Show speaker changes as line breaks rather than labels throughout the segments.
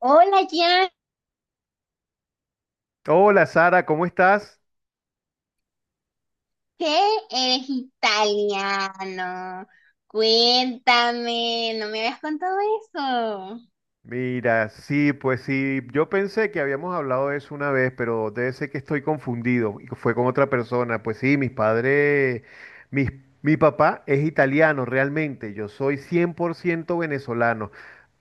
Hola, ya
Hola, Sara, ¿cómo estás?
sé, eres italiano. Cuéntame, no me habías contado eso.
Mira, sí, pues sí, yo pensé que habíamos hablado de eso una vez, pero debe ser que estoy confundido y que fue con otra persona. Pues sí, mis padres, mis- mi papá es italiano realmente, yo soy 100% venezolano,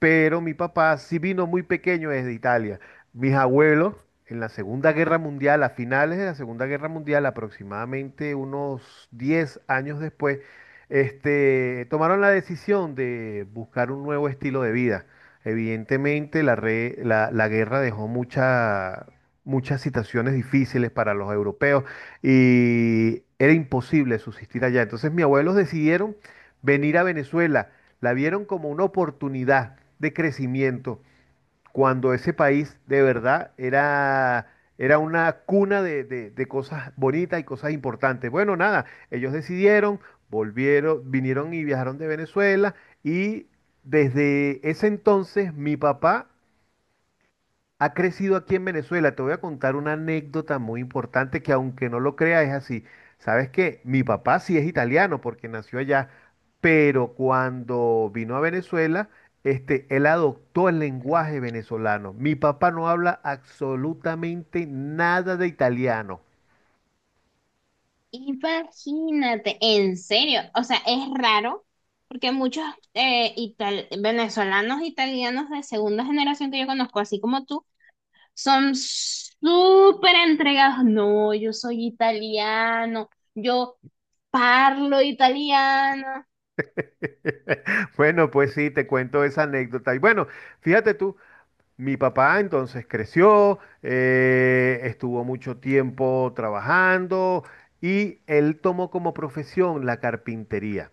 pero mi papá sí vino muy pequeño desde Italia. Mis abuelos en la Segunda Guerra Mundial, a finales de la Segunda Guerra Mundial, aproximadamente unos 10 años después, tomaron la decisión de buscar un nuevo estilo de vida. Evidentemente, la guerra dejó muchas situaciones difíciles para los europeos y era imposible subsistir allá. Entonces, mis abuelos decidieron venir a Venezuela, la vieron como una oportunidad de crecimiento cuando ese país de verdad era una cuna de cosas bonitas y cosas importantes. Bueno, nada, ellos decidieron, vinieron y viajaron de Venezuela y desde ese entonces mi papá ha crecido aquí en Venezuela. Te voy a contar una anécdota muy importante que, aunque no lo creas, es así. Sabes que mi papá sí es italiano porque nació allá, pero cuando vino a Venezuela, él adoptó el lenguaje venezolano. Mi papá no habla absolutamente nada de italiano.
Imagínate, en serio, o sea, es raro porque muchos venezolanos, italianos de segunda generación que yo conozco, así como tú, son súper entregados. No, yo soy italiano, yo parlo italiano.
Bueno, pues sí, te cuento esa anécdota. Y bueno, fíjate tú, mi papá entonces creció, estuvo mucho tiempo trabajando y él tomó como profesión la carpintería.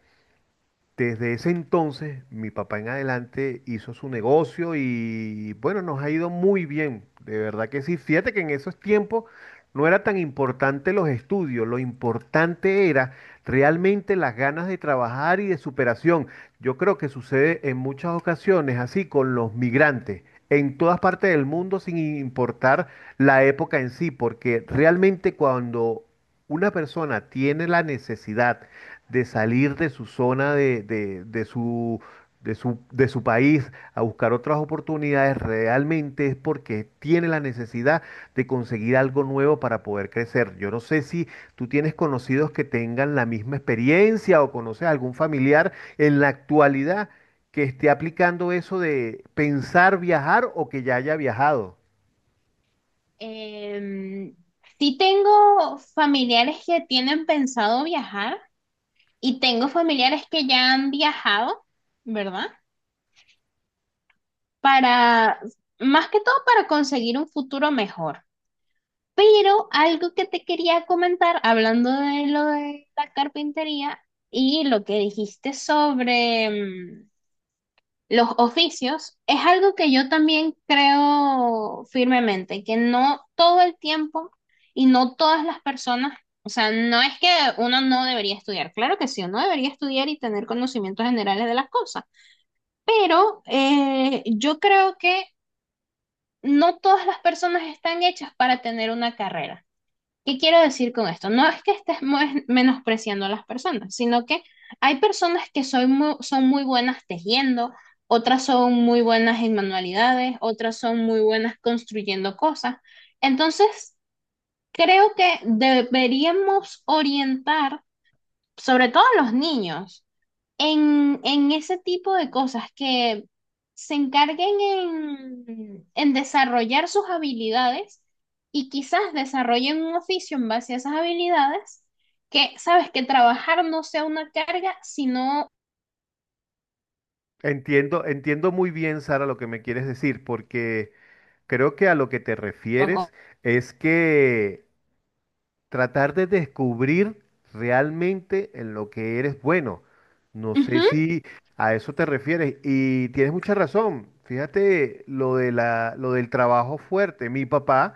Desde ese entonces, mi papá en adelante hizo su negocio y bueno, nos ha ido muy bien, de verdad que sí. Fíjate que en esos tiempos no era tan importante los estudios, lo importante era realmente las ganas de trabajar y de superación. Yo creo que sucede en muchas ocasiones así con los migrantes, en todas partes del mundo, sin importar la época en sí, porque realmente cuando una persona tiene la necesidad de salir de su zona de de su país a buscar otras oportunidades, realmente es porque tiene la necesidad de conseguir algo nuevo para poder crecer. Yo no sé si tú tienes conocidos que tengan la misma experiencia o conoces algún familiar en la actualidad que esté aplicando eso de pensar viajar o que ya haya viajado.
Em, sí tengo familiares que tienen pensado viajar y tengo familiares que ya han viajado, ¿verdad? Para, más que todo para conseguir un futuro mejor. Pero algo que te quería comentar, hablando de lo de la carpintería y lo que dijiste sobre, los oficios, es algo que yo también creo firmemente, que no todo el tiempo y no todas las personas, o sea, no es que uno no debería estudiar, claro que sí, uno debería estudiar y tener conocimientos generales de las cosas, pero yo creo que no todas las personas están hechas para tener una carrera. ¿Qué quiero decir con esto? No es que estés mo- menospreciando a las personas, sino que hay personas que son muy buenas tejiendo, otras son muy buenas en manualidades, otras son muy buenas construyendo cosas. Entonces, creo que deberíamos orientar, sobre todo a los niños, en ese tipo de cosas, que se encarguen en desarrollar sus habilidades y quizás desarrollen un oficio en base a esas habilidades, que sabes, que trabajar no sea una carga, sino...
Entiendo, entiendo muy bien, Sara, lo que me quieres decir, porque creo que a lo que te
Ujú.
refieres es que tratar de descubrir realmente en lo que eres bueno. No sé si a eso te refieres, y tienes mucha razón. Fíjate lo de lo del trabajo fuerte. Mi papá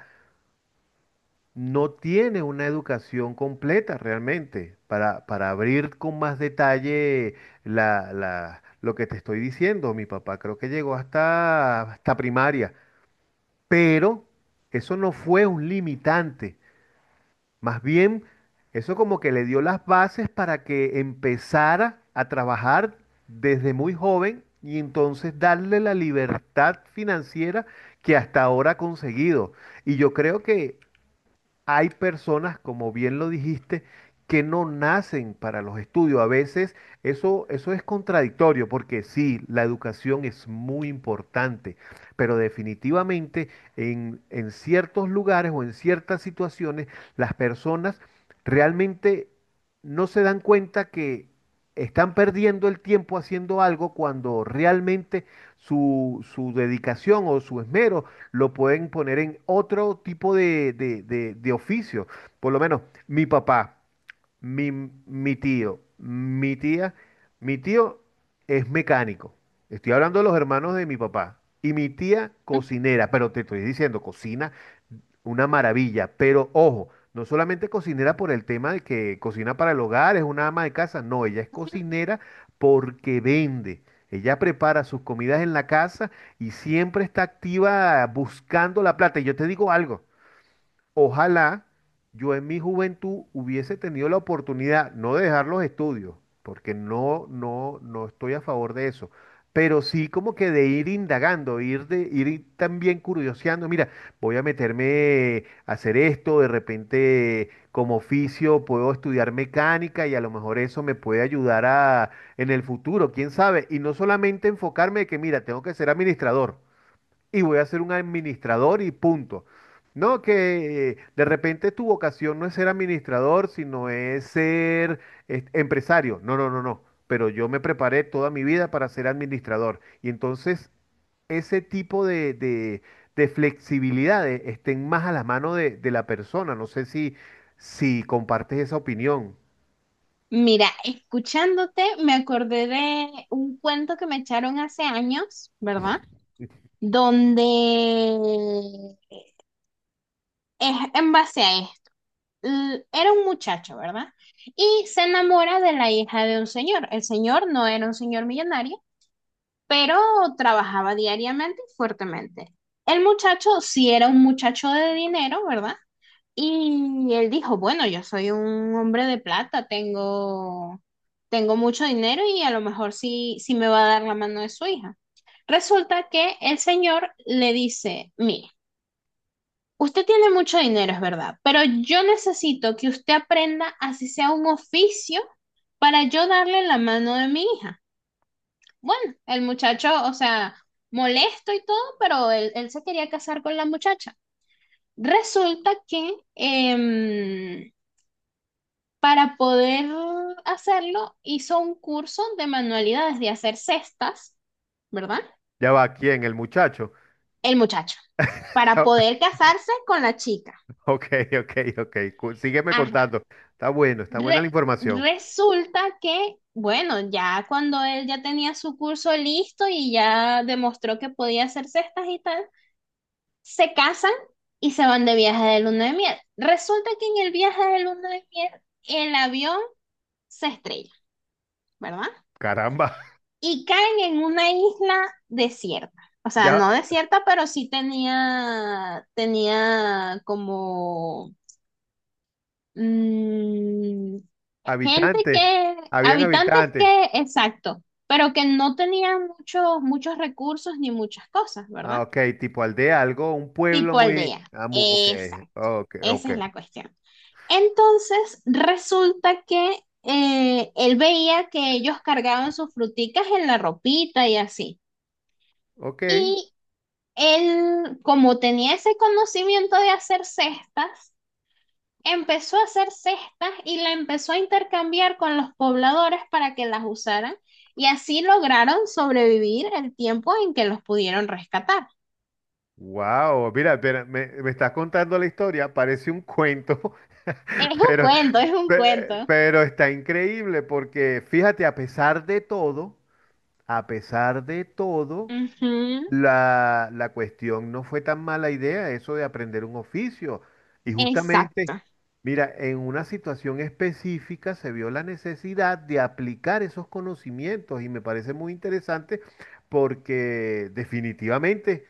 no tiene una educación completa realmente para abrir con más detalle lo que te estoy diciendo. Mi papá creo que llegó hasta primaria. Pero eso no fue un limitante. Más bien, eso como que le dio las bases para que empezara a trabajar desde muy joven y entonces darle la libertad financiera que hasta ahora ha conseguido. Y yo creo que hay personas, como bien lo dijiste, que no nacen para los estudios. A veces eso es contradictorio porque sí, la educación es muy importante, pero definitivamente en ciertos lugares o en ciertas situaciones las personas realmente no se dan cuenta que están perdiendo el tiempo haciendo algo cuando realmente su dedicación o su esmero lo pueden poner en otro tipo de oficio. Por lo menos mi papá, mi tío, mi tía, mi tío es mecánico. Estoy hablando de los hermanos de mi papá. Y mi tía cocinera, pero te estoy diciendo, cocina una maravilla, pero ojo, no solamente cocinera por el tema de que cocina para el hogar, es una ama de casa, no, ella es cocinera porque vende. Ella prepara sus comidas en la casa y siempre está activa buscando la plata. Y yo te digo algo, ojalá yo en mi juventud hubiese tenido la oportunidad, no de dejar los estudios, porque no, no, no estoy a favor de eso, pero sí como que de ir indagando, ir ir también curioseando, mira, voy a meterme a hacer esto, de repente como oficio puedo estudiar mecánica y a lo mejor eso me puede ayudar a en el futuro, quién sabe, y no solamente enfocarme de que mira, tengo que ser administrador y voy a ser un administrador y punto. No, que de repente tu vocación no es ser administrador, sino es ser empresario. No, no, no, no. Pero yo me preparé toda mi vida para ser administrador. Y entonces ese tipo de flexibilidades estén más a la mano de la persona. No sé si, si compartes esa opinión.
Mira, escuchándote, me acordé de un cuento que me echaron hace años, ¿verdad? Donde es en base a esto. Era un muchacho, ¿verdad? Y se enamora de la hija de un señor. El señor no era un señor millonario, pero trabajaba diariamente y fuertemente. El muchacho sí era un muchacho de dinero, ¿verdad? Y él dijo, bueno, yo soy un hombre de plata, tengo mucho dinero y a lo mejor sí, sí me va a dar la mano de su hija. Resulta que el señor le dice, mira, usted tiene mucho dinero, es verdad, pero yo necesito que usted aprenda así sea un oficio para yo darle la mano de mi hija. Bueno, el muchacho, o sea, molesto y todo, pero él se quería casar con la muchacha. Resulta que para poder hacerlo hizo un curso de manualidades de hacer cestas, ¿verdad?
Ya va, ¿quién? El muchacho.
El muchacho, para poder casarse con la chica.
Ok, ok, ok. Cu- Sígueme
Ajá.
contando. Está bueno, está buena
Re-
la información.
Resulta que, bueno, ya cuando él ya tenía su curso listo y ya demostró que podía hacer cestas y tal, se casan y se van de viaje de luna de miel. Resulta que en el viaje de luna de miel el avión se estrella, ¿verdad?
Caramba.
Y caen en una isla desierta. O sea, no
Ya,
desierta, pero sí tenía como... Mm. Gente
habitantes,
que,
habían
habitantes
habitantes.
que, exacto, pero que no tenían muchos, muchos recursos ni muchas cosas,
Ah,
¿verdad?
ok, tipo aldea, algo, un pueblo
Tipo
muy...
aldea.
Ah, mu- ok,
Exacto.
ok, ok,
Esa es la cuestión. Entonces, resulta que él veía que ellos cargaban sus fruticas en la ropita y así.
ok.
Y él, como tenía ese conocimiento de hacer cestas, empezó a hacer cestas y la empezó a intercambiar con los pobladores para que las usaran, y así lograron sobrevivir el tiempo en que los pudieron rescatar.
Wow, mira, espera, me estás contando la historia, parece un cuento,
Es un
pero,
cuento, es un
pe-
cuento.
pero está increíble porque fíjate, a pesar de todo, a pesar de todo...
Ujú.
La cuestión no fue tan mala idea eso de aprender un oficio. Y justamente,
Exacto.
mira, en una situación específica se vio la necesidad de aplicar esos conocimientos y me parece muy interesante porque definitivamente,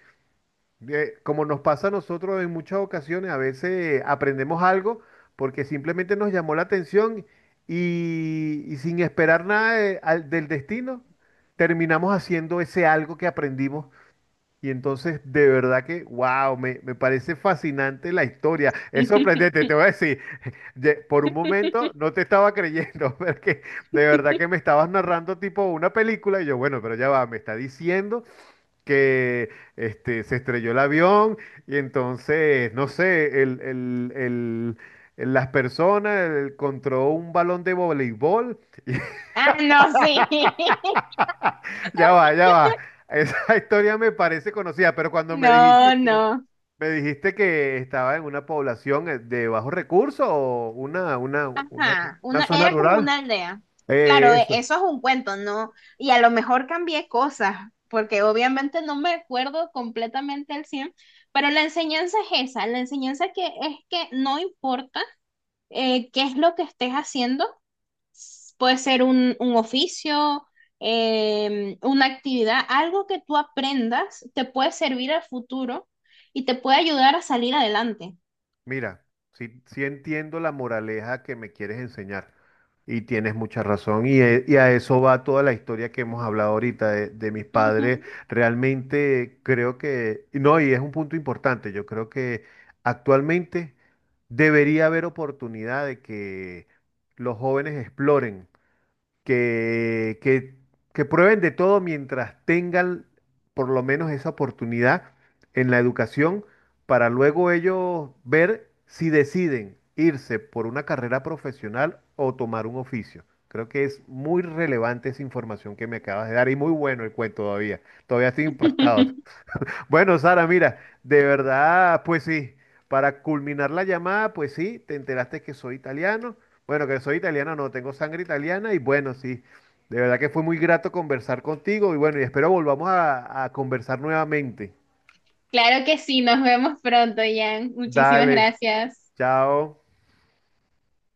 como nos pasa a nosotros en muchas ocasiones, a veces aprendemos algo porque simplemente nos llamó la atención y sin esperar nada del destino, terminamos haciendo ese algo que aprendimos y entonces, de verdad que, wow, me parece fascinante la historia. Es sorprendente, te voy a decir, por un momento no te estaba creyendo, porque de verdad que me estabas narrando tipo una película y yo, bueno, pero ya va, me está diciendo que se estrelló el avión y entonces, no sé, las personas encontró un balón de voleibol.
Ah, no, sí.
Ya va, ya va. Esa historia me parece conocida, pero cuando me
No,
dijiste...
no.
Me dijiste que estaba en una población de bajos recursos o
Ajá,
una
una,
zona
era como
rural.
una aldea. Claro,
Eso.
eso es un cuento, ¿no? Y a lo mejor cambié cosas, porque obviamente no me acuerdo completamente al cien, pero la enseñanza es esa, la enseñanza, que es que no importa qué es lo que estés haciendo, puede ser un oficio, una actividad, algo que tú aprendas te puede servir al futuro y te puede ayudar a salir adelante.
Mira, sí, sí entiendo la moraleja que me quieres enseñar y tienes mucha razón y, y a eso va toda la historia que hemos hablado ahorita de mis
Ujú.
padres. Realmente creo que, no, y es un punto importante, yo creo que actualmente debería haber oportunidad de que los jóvenes exploren. que, que, que prueben de todo mientras tengan por lo menos esa oportunidad en la educación para luego ellos ver si deciden irse por una carrera profesional o tomar un oficio. Creo que es muy relevante esa información que me acabas de dar y muy bueno el cuento todavía. Todavía estoy impactado. Bueno, Sara, mira, de verdad, pues sí, para culminar la llamada, pues sí, te enteraste que soy italiano. Bueno, que soy italiano, no, tengo sangre italiana y bueno, sí, de verdad que fue muy grato conversar contigo y bueno, y espero volvamos a conversar nuevamente.
Claro que sí, nos vemos pronto, Jan. Muchísimas
Dale,
gracias.
chao.